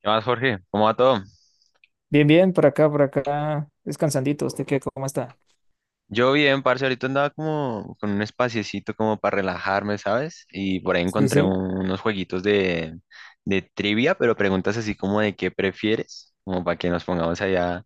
¿Qué más, Jorge? ¿Cómo va todo? Bien, bien, por acá, descansandito. ¿Usted qué? ¿Cómo está? Yo bien, parce, ahorita andaba como con un espaciecito como para relajarme, ¿sabes? Y por ahí Sí, encontré sí. Unos jueguitos de trivia, pero preguntas así como de qué prefieres, como para que nos pongamos allá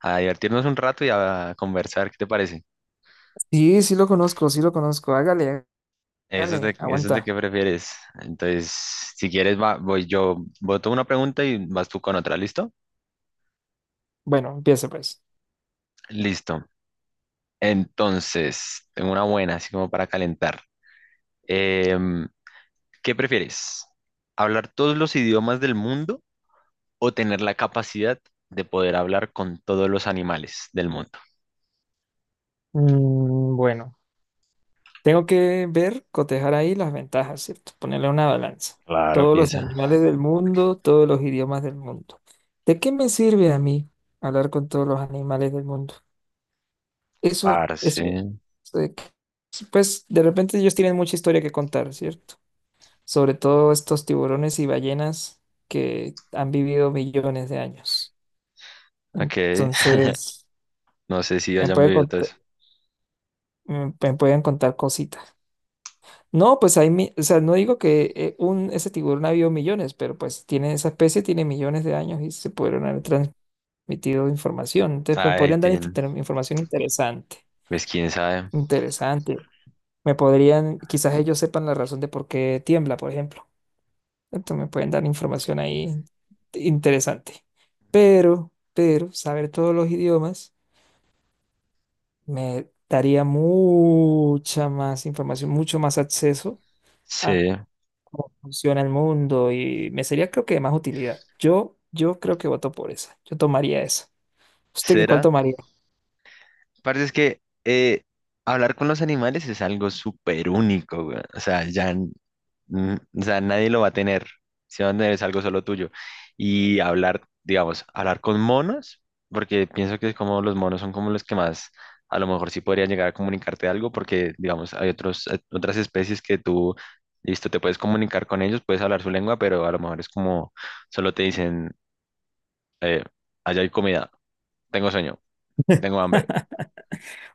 a divertirnos un rato y a conversar, ¿qué te parece? Sí, sí lo conozco, sí lo conozco. Hágale, Eso es de, hágale, eso es de aguanta. qué prefieres. Entonces, si quieres, voy yo, voto una pregunta y vas tú con otra, ¿listo? Bueno, empiece pues. Listo. Entonces, tengo una buena, así como para calentar. Em, ¿Qué prefieres? ¿Hablar todos los idiomas del mundo o tener la capacidad de poder hablar con todos los animales del mundo? Bueno, tengo que ver, cotejar ahí las ventajas, ¿cierto? Ponerle una balanza. Claro, Todos los piensa. animales del mundo, todos los idiomas del mundo. ¿De qué me sirve a mí hablar con todos los animales del mundo? Eso, Parce. eso, eso de que- pues de repente ellos tienen mucha historia que contar, ¿cierto? Sobre todo estos tiburones y ballenas que han vivido millones de años. Ok. Entonces, No sé si me hayan pueden vivido todo contar, eso. me pueden contar cositas. No, pues hay, o sea, no digo que ese tiburón ha vivido millones, pero pues tiene, esa especie tiene millones de años y se pudieron haber transmitido información. Entonces, me Ay, podrían dar tin, información interesante, pues quién sabe. interesante. Me podrían, quizás ellos sepan la razón de por qué tiembla, por ejemplo. Entonces me pueden dar información ahí interesante. Pero saber todos los idiomas me daría mucha más información, mucho más acceso a Sí. cómo funciona el mundo y me sería creo que de más utilidad. Yo creo que voto por esa. Yo tomaría esa. ¿Usted qué cuál ¿Será? tomaría? Parce, es que hablar con los animales es algo súper único, güey. O sea, o sea, nadie lo va a tener. Si van a tener es algo solo tuyo. Y hablar, digamos, hablar con monos, porque pienso que es como los monos son como los que más, a lo mejor sí podrían llegar a comunicarte algo, porque, digamos, hay otros, otras especies que tú, listo, te puedes comunicar con ellos, puedes hablar su lengua, pero a lo mejor es como, solo te dicen, eh, allá hay comida, tengo sueño, tengo hambre,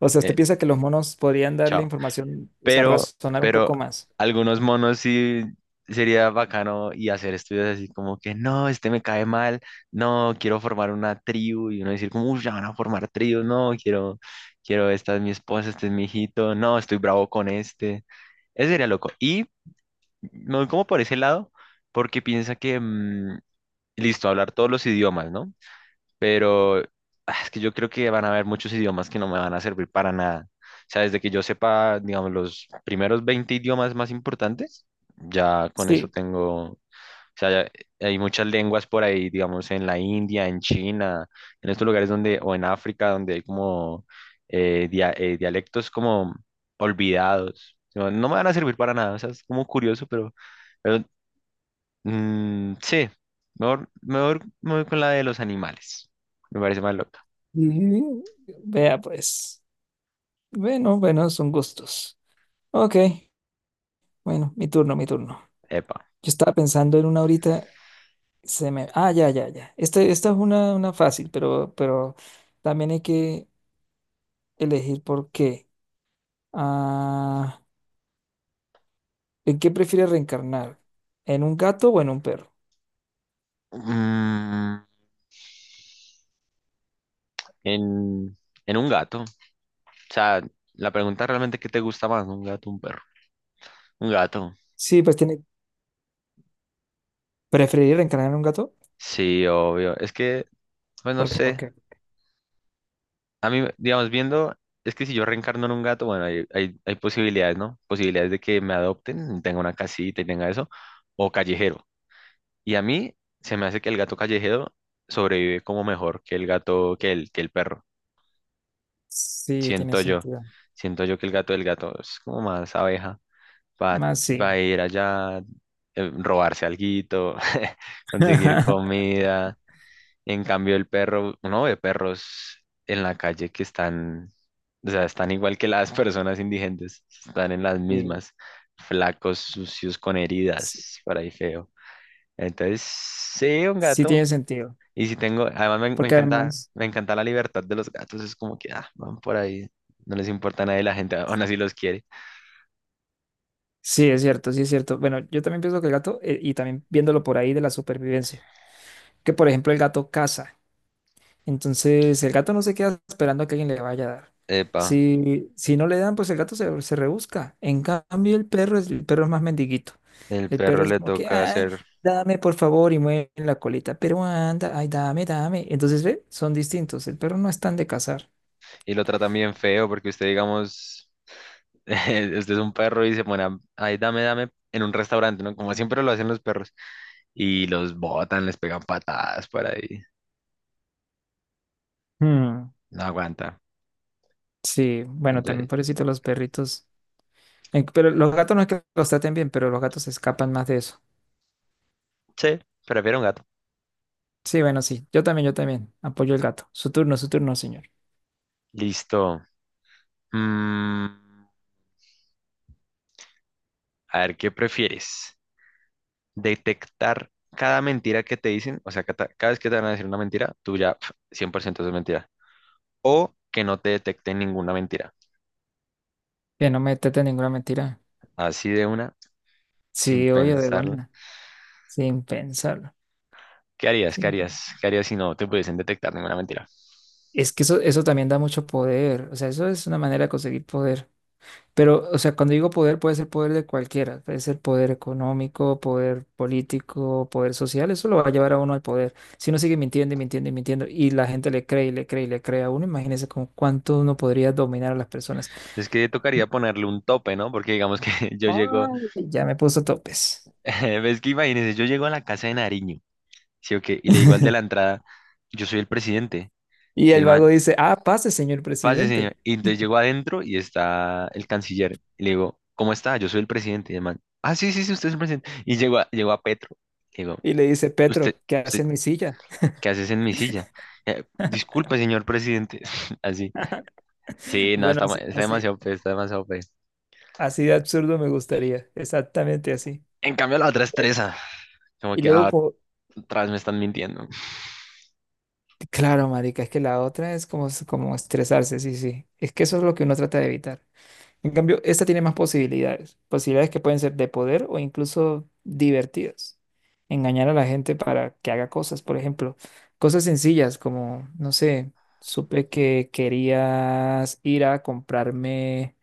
O sea, ¿usted eh, piensa que los monos podrían darle chao. información, o sea, pero, razonar un pero poco más? algunos monos sí sería bacano y hacer estudios así como que no, este me cae mal, no, quiero formar una tribu y uno decir como, uy, ya van a formar tribu, no, quiero, esta es mi esposa, este es mi hijito, no, estoy bravo con este, eso sería loco. Y me voy como por ese lado porque piensa que, listo, hablar todos los idiomas, ¿no? Pero ah, es que yo creo que van a haber muchos idiomas que no me van a servir para nada. O sea, desde que yo sepa, digamos, los primeros 20 idiomas más importantes, ya con eso Sí. tengo, o sea, hay muchas lenguas por ahí, digamos, en la India, en China, en estos lugares donde, o en África, donde hay como dialectos como olvidados. No, no me van a servir para nada, o sea, es como curioso, pero Mm, sí, mejor me voy con la de los animales. Me parece más loca. Y- Vea pues. Bueno, bueno, son gustos. Ok. Bueno, mi turno, mi turno. Epa. Yo estaba pensando en una ahorita, se me... Ah, ya, ya, ya. Este, esta es una fácil, pero también hay que elegir por qué. Ah, ¿en qué prefieres reencarnar? ¿En un gato o en un perro? Mm, en, en un gato. O sea, la pregunta realmente, ¿qué te gusta más? ¿Un gato o un perro? Un gato. Sí, pues tiene... ¿preferir reencarnar en un gato? Sí, obvio. Es que, pues no ¿Por qué? ¿Por sé. qué? A mí, digamos, viendo, es que si yo reencarno en un gato, bueno, hay posibilidades, ¿no? Posibilidades de que me adopten, tenga una casita y tenga eso, o callejero. Y a mí se me hace que el gato callejero sobrevive como mejor que el gato, que el perro. Sí, tiene Siento yo. sentido. Siento yo que el gato del gato es como más abeja. Va, Más va a sí. ir allá, robarse alguito, conseguir comida. En cambio, el perro, uno ve perros en la calle que están, o sea, están igual que las personas indigentes, están en las Sí, mismas, flacos, sucios, con sí, heridas, por ahí feo. Entonces, sí, un sí gato, tiene sentido. y si tengo, además me, me Porque encanta, además, me encanta la libertad de los gatos, es como que, ah, van por ahí, no les importa a nadie, la gente aún así los quiere. sí, es cierto, sí es cierto. Bueno, yo también pienso que el gato, y también viéndolo por ahí de la supervivencia. Que por ejemplo el gato caza. Entonces el gato no se queda esperando a que alguien le vaya a dar. Epa, Si, si no le dan, pues el gato se rebusca. En cambio el perro es más mendiguito. el El perro perro es le como que, toca ay, hacer, dame por favor y mueve la colita, pero anda, ay, dame, dame. Entonces, ¿ve? Son distintos. El perro no es tan de cazar. y lo tratan bien feo, porque usted, digamos, usted es un perro y se pone, ay, dame, dame, en un restaurante, ¿no? Como siempre lo hacen los perros, y los botan, les pegan patadas por ahí, Hmm. no aguanta. Sí, bueno, también Entonces, pobrecito los perritos. Pero los gatos no es que los traten bien, pero los gatos se escapan más de eso. sí, prefiero un gato. Sí, bueno, sí. Yo también, yo también. Apoyo el gato. Su turno, señor. Listo. Mm, a ver, ¿qué prefieres? Detectar cada mentira que te dicen, o sea, cada vez que te van a decir una mentira, tú ya 100% es mentira. O que no te detecten ninguna mentira. Que no metete ninguna mentira. Así de una, sin Sí, oye, de pensarlo. buena, sin pensarlo. ¿Qué harías? ¿Qué sin- harías? ¿Qué harías si no te pudiesen detectar ninguna mentira? Es que eso también da mucho poder. O sea, eso es una manera de conseguir poder. Pero, o sea, cuando digo poder, puede ser poder de cualquiera. Puede ser poder económico, poder político, poder social. Eso lo va a llevar a uno al poder. Si uno sigue mintiendo y mintiendo y mintiendo y la gente le cree y le cree y le cree a uno, imagínese con cuánto uno podría dominar a las personas. Es que tocaría ponerle un tope, ¿no? Porque digamos que yo llego, Ay, ya me puso topes. ves que imagínense, yo llego a la casa de Nariño. ¿Sí o qué? Y le digo al de la entrada, yo soy el presidente. Y Y el el man, vago dice, ah, pase, señor pase, señor. presidente. Y entonces llego adentro y está el canciller. Y le digo, ¿cómo está? Yo soy el presidente. Y el man, ah, sí, sí, sí, usted es el presidente. Y llego a, llego a Petro. Le digo, Y le dice, usted, Petro, ¿qué usted, hace en mi silla? ¿qué haces en mi silla? Eh, disculpe, señor presidente. Así. Sí, no, Bueno, está, ma- así, está así, demasiado fe, está demasiado fe. así de absurdo me gustaría, exactamente así. En cambio, la otra estresa. Como Y que luego, ah, como, atrás me están mintiendo. claro, marica, es que la otra es como, como estresarse, sí, sí. Es que eso es lo que uno trata de evitar. En cambio, esta tiene más posibilidades, posibilidades que pueden ser de poder o incluso divertidas. Engañar a la gente para que haga cosas, por ejemplo, cosas sencillas como, no sé, supe que querías ir a comprarme,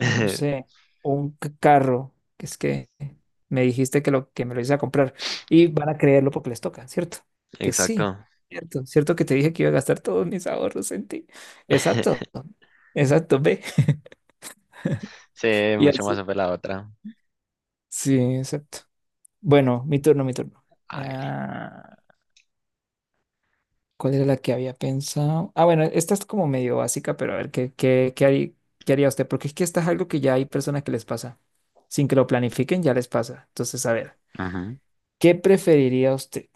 no sé, o un carro, que es que me dijiste que lo que me lo hice a comprar y van a creerlo porque les toca, ¿cierto? Que sí, Exacto. cierto, cierto que te dije que iba a gastar todos mis ahorros en ti. Exacto, exacto, ve. Sí, Y mucho así. más fue la otra. Sí, exacto. Bueno, mi turno, mi turno. Hágale. Ah, ¿cuál era la que había pensado? Ah, bueno, esta es como medio básica, pero a ver, ¿qué haría usted? Porque es que esta es algo que ya hay personas que les pasa. Sin que lo planifiquen, ya les pasa. Entonces, a ver. Ujú. ¿Qué preferiría usted?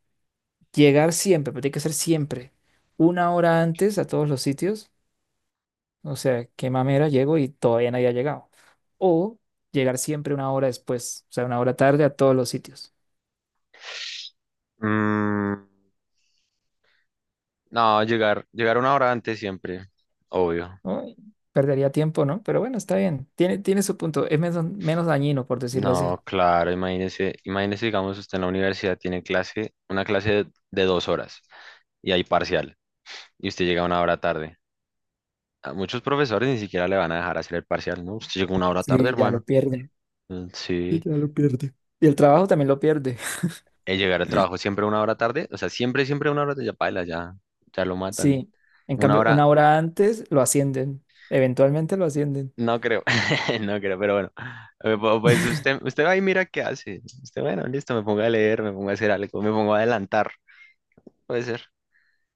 ¿Llegar siempre, pero tiene que ser siempre, una hora antes a todos los sitios? O sea, qué mamera, llego y todavía nadie ha llegado. O llegar siempre una hora después, o sea, una hora tarde a todos los sitios. Mm, no, llegar 1 hora antes siempre, obvio. Uy, perdería tiempo, ¿no? Pero bueno, está bien. Tiene su punto. Es menos, menos dañino, por decirlo así. No, claro, imagínese, digamos, usted en la universidad tiene clase, una clase de, 2 horas y hay parcial, y usted llega 1 hora tarde. A muchos profesores ni siquiera le van a dejar hacer el parcial, ¿no? Usted llega una hora tarde, Sí, ya lo hermano. pierde. Mm, sí, Y el trabajo también lo pierde. el llegar al trabajo siempre 1 hora tarde, o sea, siempre, siempre 1 hora tarde, ya paila, ya lo matan. Sí. En Una cambio, una hora, hora antes lo ascienden. Eventualmente lo ascienden. No creo, no creo, pero bueno. Pues usted, usted va y mira qué hace. Usted, bueno, listo, me pongo a leer, me pongo a hacer algo, me pongo a adelantar, puede ser.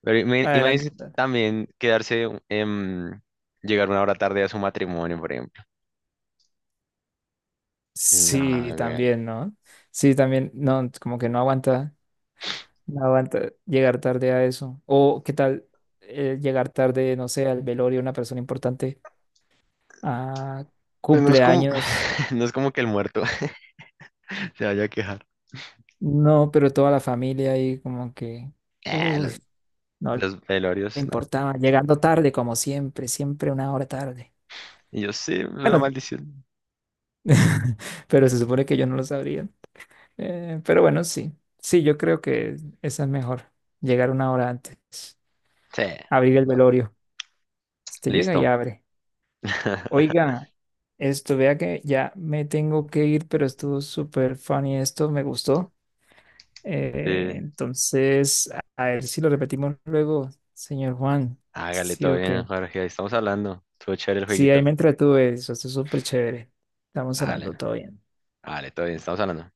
Pero imagínese Adelante. también quedarse, llegar 1 hora tarde a su matrimonio, por ejemplo. Sí, No, güey. también, ¿no? Sí, también, no, como que no aguanta, no aguanta llegar tarde a eso. O qué tal llegar tarde, no sé, al velorio de una persona importante, a Pues no es como, cumpleaños, no es como que el muerto se vaya a quejar. no, pero toda la familia ahí como que, Eh, uy, los, no le los velorios, nada. importaba, llegando tarde como siempre, siempre una hora tarde. Y yo sí, es una Bueno, maldición. pero se supone que yo no lo sabría. Pero bueno, sí, sí, yo creo que esa es mejor, llegar una hora antes. Sí, Abrir el no, velorio. Este llega y listo. abre. Oiga, esto, vea que ya me tengo que ir, pero estuvo súper funny esto, me gustó. Sí, Entonces, a ver si lo repetimos luego, señor Juan. hágale, ¿Sí todo o qué? bien, Jorge, ahí estamos hablando. Estuvo chévere el Sí, ahí jueguito. me entretuve, eso estuvo súper chévere. Estamos Dale. hablando todo bien. Vale, todo bien, estamos hablando.